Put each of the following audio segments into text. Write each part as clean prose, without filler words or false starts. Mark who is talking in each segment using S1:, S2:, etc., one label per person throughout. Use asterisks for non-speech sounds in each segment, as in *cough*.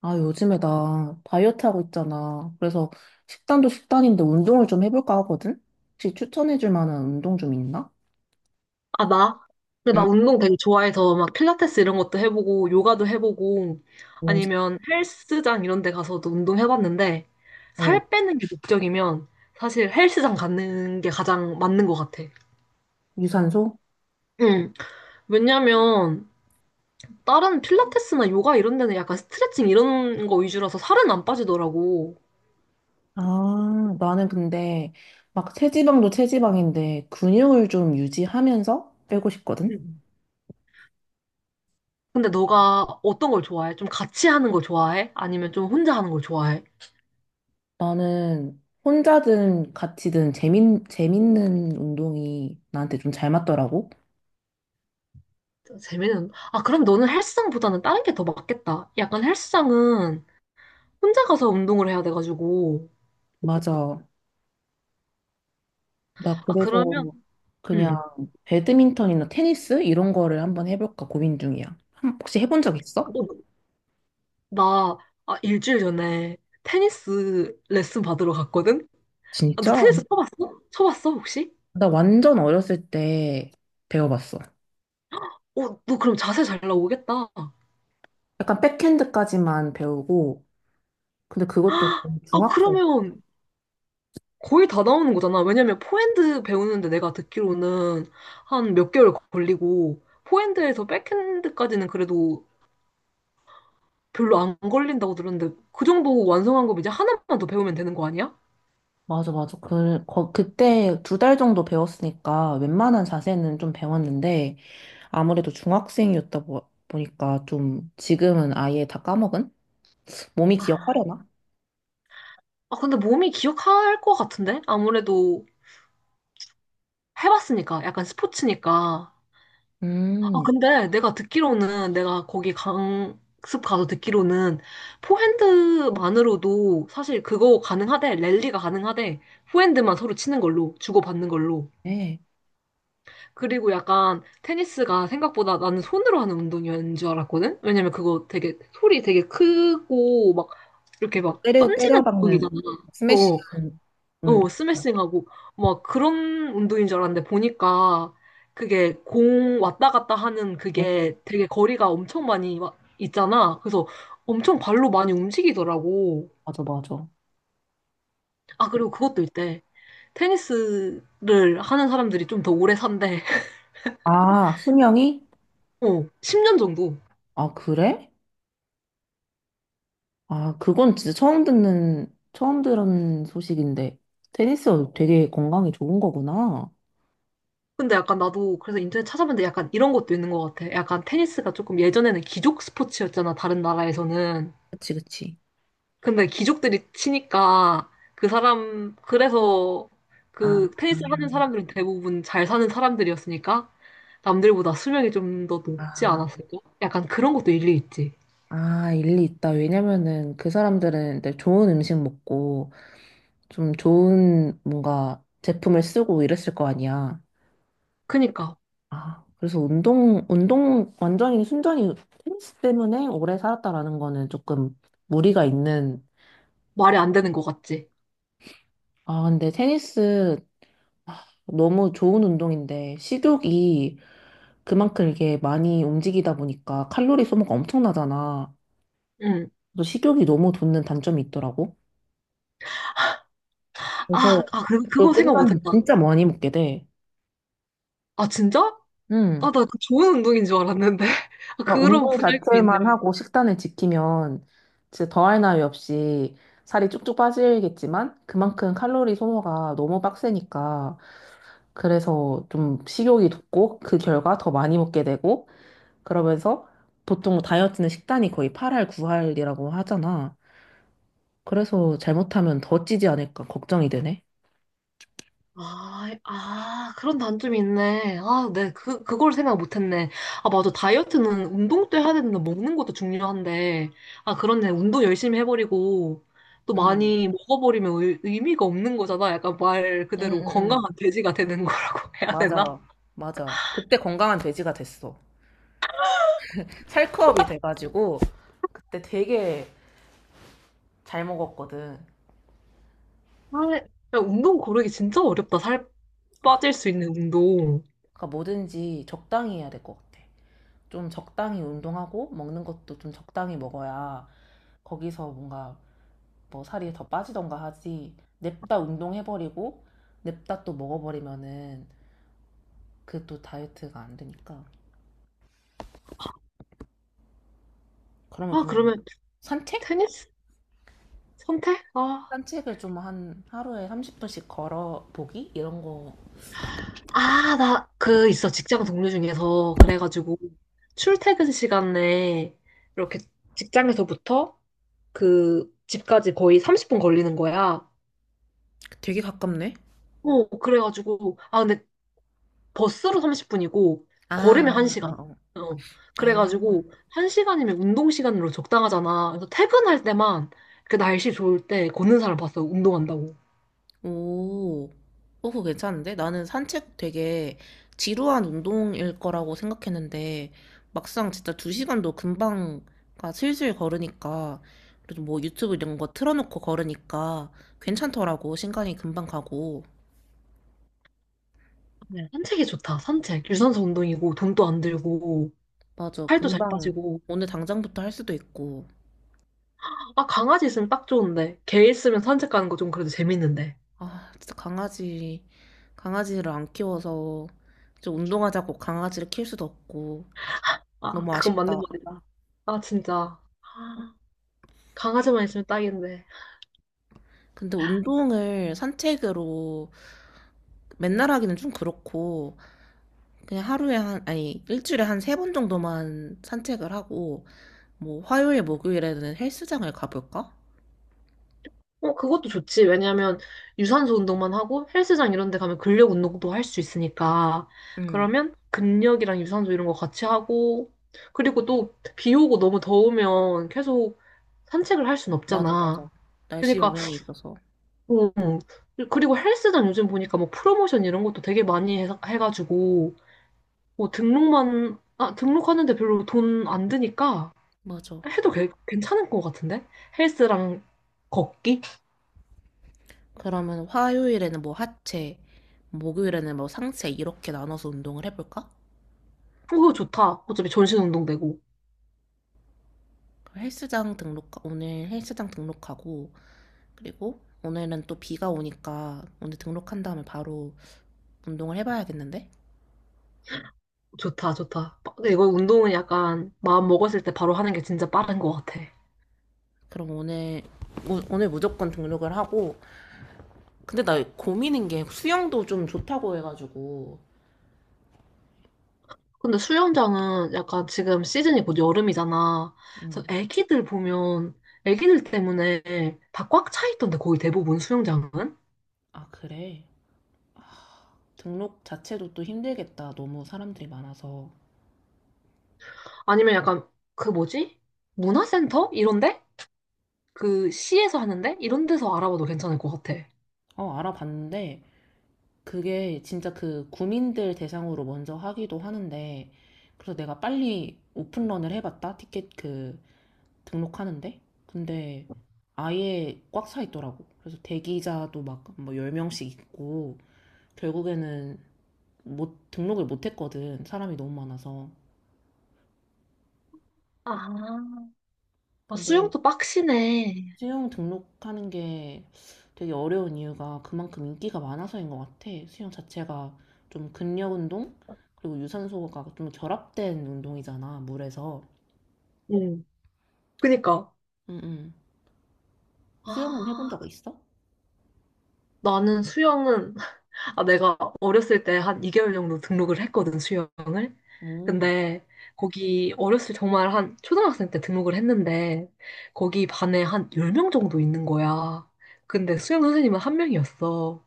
S1: 아, 요즘에 나 다이어트 하고 있잖아. 그래서 식단도 식단인데 운동을 좀 해볼까 하거든? 혹시 추천해줄 만한 운동 좀 있나?
S2: 아, 나? 근데 나
S1: 응.
S2: 운동 되게 좋아해서 막 필라테스 이런 것도 해보고 요가도 해보고
S1: 오.
S2: 아니면 헬스장 이런 데 가서도 운동 해봤는데
S1: 어,
S2: 살 빼는 게 목적이면 사실 헬스장 가는 게 가장 맞는 것 같아.
S1: 유산소?
S2: 응. 왜냐면 다른 필라테스나 요가 이런 데는 약간 스트레칭 이런 거 위주라서 살은 안 빠지더라고.
S1: 아, 나는 근데 막 체지방도 체지방인데 근육을 좀 유지하면서 빼고 싶거든?
S2: 응. 근데 너가 어떤 걸 좋아해? 좀 같이 하는 걸 좋아해? 아니면 좀 혼자 하는 걸 좋아해?
S1: 나는 혼자든 같이든 재밌는 운동이 나한테 좀 잘 맞더라고.
S2: 재미는 아 그럼 너는 헬스장보다는 다른 게 더 맞겠다. 약간 헬스장은 혼자 가서 운동을 해야 돼가지고
S1: 맞아. 나
S2: 아
S1: 그래서
S2: 그러면
S1: 그냥
S2: 음나
S1: 배드민턴이나 테니스 이런 거를 한번 해볼까 고민 중이야. 혹시 해본 적 있어?
S2: 아, 일주일 전에 테니스 레슨 받으러 갔거든. 아, 너
S1: 진짜?
S2: 테니스 쳐봤어? 쳐봤어 혹시?
S1: 나 완전 어렸을 때 배워봤어.
S2: 어너 그럼 자세 잘 나오겠다.
S1: 약간 백핸드까지만 배우고, 근데 그것도
S2: 아
S1: 중학생.
S2: 그러면 거의 다 나오는 거잖아. 왜냐면 포핸드 배우는데 내가 듣기로는 한 몇 개월 걸리고 포핸드에서 백핸드까지는 그래도 별로 안 걸린다고 들었는데 그 정도 완성한 거면 이제 하나만 더 배우면 되는 거 아니야?
S1: 맞아, 맞아. 그때 두 달 정도 배웠으니까 웬만한 자세는 좀 배웠는데, 아무래도 중학생이었다 보니까 좀 지금은 아예 다 까먹은? 몸이
S2: 아,
S1: 기억하려나?
S2: 아, 근데 몸이 기억할 것 같은데? 아무래도 해봤으니까, 약간 스포츠니까. 아,
S1: 음.
S2: 근데 내가 듣기로는, 내가 거기 강습 가서 듣기로는, 포핸드만으로도 사실 그거 가능하대, 랠리가 가능하대, 포핸드만 서로 치는 걸로, 주고받는 걸로.
S1: 네.
S2: 그리고 약간 테니스가 생각보다 나는 손으로 하는 운동이었는 줄 알았거든? 왜냐면 그거 되게 소리 되게 크고 막 이렇게 막 던지는
S1: 때려박는
S2: 운동이잖아. 어,
S1: 스매싱은 음,
S2: 어, 스매싱하고 막 그런 운동인 줄 알았는데 보니까 그게 공 왔다 갔다 하는
S1: 어,
S2: 그게 되게 거리가 엄청 많이 와- 있잖아. 그래서 엄청 발로 많이 움직이더라고.
S1: 맞아, 맞아.
S2: 아, 그리고 그것도 있대. 테니스를 하는 사람들이 좀 더 오래 산대. *laughs*
S1: 아, 수명이?
S2: 어, 10년 정도.
S1: 아, 그래? 아, 그건 진짜 처음 들은 소식인데. 테니스가 되게 건강에 좋은 거구나.
S2: 근데 약간 나도 그래서 인터넷 찾아봤는데 약간 이런 것도 있는 것 같아. 약간 테니스가 조금 예전에는 귀족 스포츠였잖아, 다른 나라에서는.
S1: 그치, 그치.
S2: 근데 귀족들이 치니까 그 사람, 그래서
S1: 아,
S2: 그 테니스 하는 사람들은 대부분 잘 사는 사람들이었으니까 남들보다 수명이 좀 더 높지
S1: 아,
S2: 않았을까? 약간 그런 것도 일리 있지.
S1: 아, 일리 있다. 왜냐면은 그 사람들은 이제 좋은 음식 먹고 좀 좋은 뭔가 제품을 쓰고 이랬을 거 아니야.
S2: 그니까
S1: 아, 그래서 완전히 순전히 테니스 때문에 오래 살았다라는 거는 조금 무리가 있는.
S2: 말이 안 되는 것 같지.
S1: 아, 근데 테니스 너무 좋은 운동인데, 식욕이 그만큼 이게 많이 움직이다 보니까 칼로리 소모가 엄청나잖아.
S2: 응.
S1: 그래서 식욕이 너무 돋는 단점이 있더라고.
S2: 아,
S1: 그래서
S2: 아, 그리고
S1: 그거
S2: 그거 생각 못
S1: 끝나면
S2: 했다.
S1: 진짜 많이 먹게 돼.
S2: 아, 진짜?
S1: 응.
S2: 아, 나 그 좋은 운동인 줄 알았는데. *laughs* 아,
S1: 그러니까
S2: 그런
S1: 운동
S2: 부작용이
S1: 자체만
S2: 있네.
S1: 하고 식단을 지키면 진짜 더할 나위 없이 살이 쭉쭉 빠지겠지만 그만큼 칼로리 소모가 너무 빡세니까 그래서 좀 식욕이 돋고 그 결과 더 많이 먹게 되고 그러면서 보통 다이어트는 식단이 거의 8할 9할이라고 하잖아. 그래서 잘못하면 더 찌지 않을까 걱정이 되네.
S2: 아, 아, 그런 단점이 있네. 아, 네, 그, 그걸 생각 못했네. 아, 맞아. 다이어트는 운동 도 해야 되는데 먹는 것도 중요한데. 아, 그렇네. 운동 열심히 해버리고 또
S1: 응,
S2: 많이 먹어버리면 의미가 없는 거잖아. 약간 말
S1: 응,
S2: 그대로
S1: 응,
S2: 건강한
S1: 응.
S2: 돼지가 되는 거라고 *laughs* 해야 되나?
S1: 맞아, 맞아. 그때 건강한 돼지가 됐어. 살크업이 돼가지고 그때 되게 잘 먹었거든.
S2: 아, 야, 운동 고르기 진짜 어렵다. 살 빠질 수 있는 운동.
S1: 그러니까 뭐든지 적당히 해야 될 것 같아. 좀 적당히 운동하고 먹는 것도 좀 적당히 먹어야 거기서 뭔가 뭐 살이 더 빠지던가 하지. 냅다 운동해버리고 냅다 또 먹어버리면은 그 또 다이어트가 안 되니까. 그러면
S2: 아,
S1: 그냥
S2: 그러면
S1: 산책?
S2: 테니스 선택? 아.
S1: 산책을 좀 한 하루에 30분씩 걸어보기? 이런 거
S2: 아, 나 그 있어. 직장 동료 중에서 그래가지고 출퇴근 시간에 이렇게 직장에서부터 그 집까지 거의 30분 걸리는 거야.
S1: 되게 가깝네.
S2: 어, 그래가지고 아 근데 버스로 30분이고
S1: 아,
S2: 걸으면
S1: 어,
S2: 1시간.
S1: 어.
S2: 어.
S1: 아,
S2: 그래가지고 1시간이면 운동 시간으로 적당하잖아. 그래서 퇴근할 때만 그 날씨 좋을 때 걷는 사람 봤어. 운동한다고.
S1: 오, 어, 그거 괜찮은데? 나는 산책 되게 지루한 운동일 거라고 생각했는데, 막상 진짜 두 시간도 금방, 가 슬슬 걸으니까, 그래도 뭐 유튜브 이런 거 틀어놓고 걸으니까 괜찮더라고. 시간이 금방 가고.
S2: 네, 산책이 좋다. 산책. 유산소 운동이고 돈도 안 들고
S1: 맞아,
S2: 살도 잘
S1: 금방.
S2: 빠지고
S1: 오늘 당장부터 할 수도 있고.
S2: 아, 강아지 있으면 딱 좋은데. 개 있으면 산책 가는 거 좀 그래도 재밌는데.
S1: 아, 진짜 강아지, 강아지를 안 키워서, 좀 운동하자고 강아지를 키울 수도 없고.
S2: 아,
S1: 너무
S2: 그건 맞는
S1: 아쉽다.
S2: 말이다. 아, 진짜. 아, 강아지만 있으면 딱인데.
S1: 근데 운동을 산책으로 맨날 하기는 좀 그렇고 그냥 하루에 한 아니 일주일에 한 세 번 정도만 산책을 하고 뭐 화요일 목요일에는 헬스장을 가볼까?
S2: 어, 그것도 좋지. 왜냐면 유산소 운동만 하고 헬스장 이런 데 가면 근력 운동도 할 수 있으니까.
S1: 응.
S2: 그러면 근력이랑 유산소 이런 거 같이 하고. 그리고 또 비 오고 너무 더우면 계속 산책을 할 순
S1: 맞아 맞아
S2: 없잖아.
S1: 날씨
S2: 그러니까,
S1: 영향이 있어서
S2: 음, 그리고 헬스장 요즘 보니까 뭐 프로모션 이런 것도 되게 많이 해가지고. 뭐 등록만, 아, 등록하는데 별로 돈 안 드니까
S1: 맞아
S2: 해도 괜찮을 것 같은데? 헬스랑 걷기?
S1: 그러면 화요일에는 뭐 하체 목요일에는 뭐 상체 이렇게 나눠서 운동을 해볼까?
S2: 그거 좋다. 어차피 전신 운동 되고.
S1: 그럼 헬스장 등록 오늘 헬스장 등록하고 그리고 오늘은 또 비가 오니까 오늘 등록한 다음에 바로 운동을 해봐야겠는데?
S2: 좋다, 좋다. 이거 운동은 약간 마음 먹었을 때 바로 하는 게 진짜 빠른 것 같아.
S1: 그럼 오늘 오늘 무조건 등록을 하고 근데 나 고민인 게 수영도 좀 좋다고 해가지고
S2: 근데 수영장은 약간 지금 시즌이 곧 여름이잖아. 그래서
S1: 음.
S2: 애기들 보면 애기들 때문에 다 꽉 차 있던데 거의 대부분 수영장은?
S1: 아 그래 등록 자체도 또 힘들겠다 너무 사람들이 많아서
S2: 아니면 약간 그 뭐지? 문화센터? 이런데? 그 시에서 하는데 이런 데서 알아봐도 괜찮을 것 같아.
S1: 어 알아봤는데 그게 진짜 그 구민들 대상으로 먼저 하기도 하는데 그래서 내가 빨리 오픈런을 해봤다 티켓 그 등록하는데 근데 아예 꽉 차 있더라고 그래서 대기자도 막 뭐 10명씩 있고 결국에는 못, 등록을 못 했거든. 사람이 너무 많아서.
S2: 아, 아,
S1: 근데
S2: 수영도 빡시네.
S1: 수영 등록하는 게 되게 어려운 이유가 그만큼 인기가 많아서인 것 같아. 수영 자체가 좀 근력 운동? 그리고 유산소가 좀 결합된 운동이잖아, 물에서.
S2: 응. 그니까.
S1: 응, 응.
S2: 아,
S1: 수영은 해본 적 있어?
S2: 나는 수영은, 아, 내가 어렸을 때 한 2개월 정도 등록을 했거든, 수영을.
S1: 오.
S2: 근데 거기 어렸을 정말 한 초등학생 때 등록을 했는데 거기 반에 한 10명 정도 있는 거야. 근데 수영 선생님은 한 명이었어.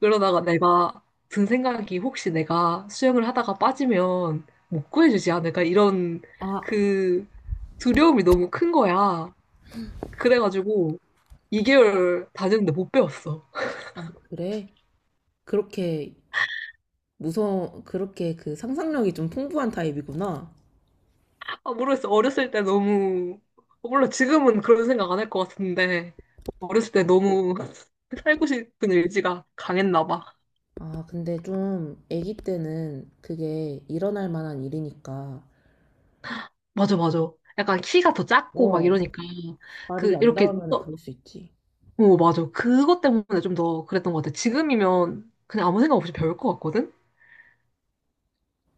S2: 그러다가 내가 든 생각이 혹시 내가 수영을 하다가 빠지면 못 구해주지 않을까? 이런
S1: 아,
S2: 그 두려움이 너무 큰 거야. 그래가지고 2개월 다녔는데 못 배웠어.
S1: 아, 그래? 그렇게 무서워, 그렇게 그 상상력이 좀 풍부한 타입이구나.
S2: 아, 모르겠어. 어렸을 때 너무, 물론 지금은 그런 생각 안 할 것 같은데, 어렸을 때 너무 *laughs* 살고 싶은 의지가 강했나 봐.
S1: 아, 근데 좀 아기 때는 그게 일어날 만한 일이니까.
S2: 맞아, 맞아. 약간 키가 더 작고 막
S1: 어,
S2: 이러니까,
S1: 말이
S2: 그,
S1: 안
S2: 이렇게
S1: 닿으면
S2: 어,
S1: 그럴 수 있지.
S2: 오, 맞아. 그것 때문에 좀 더 그랬던 것 같아. 지금이면 그냥 아무 생각 없이 배울 것 같거든?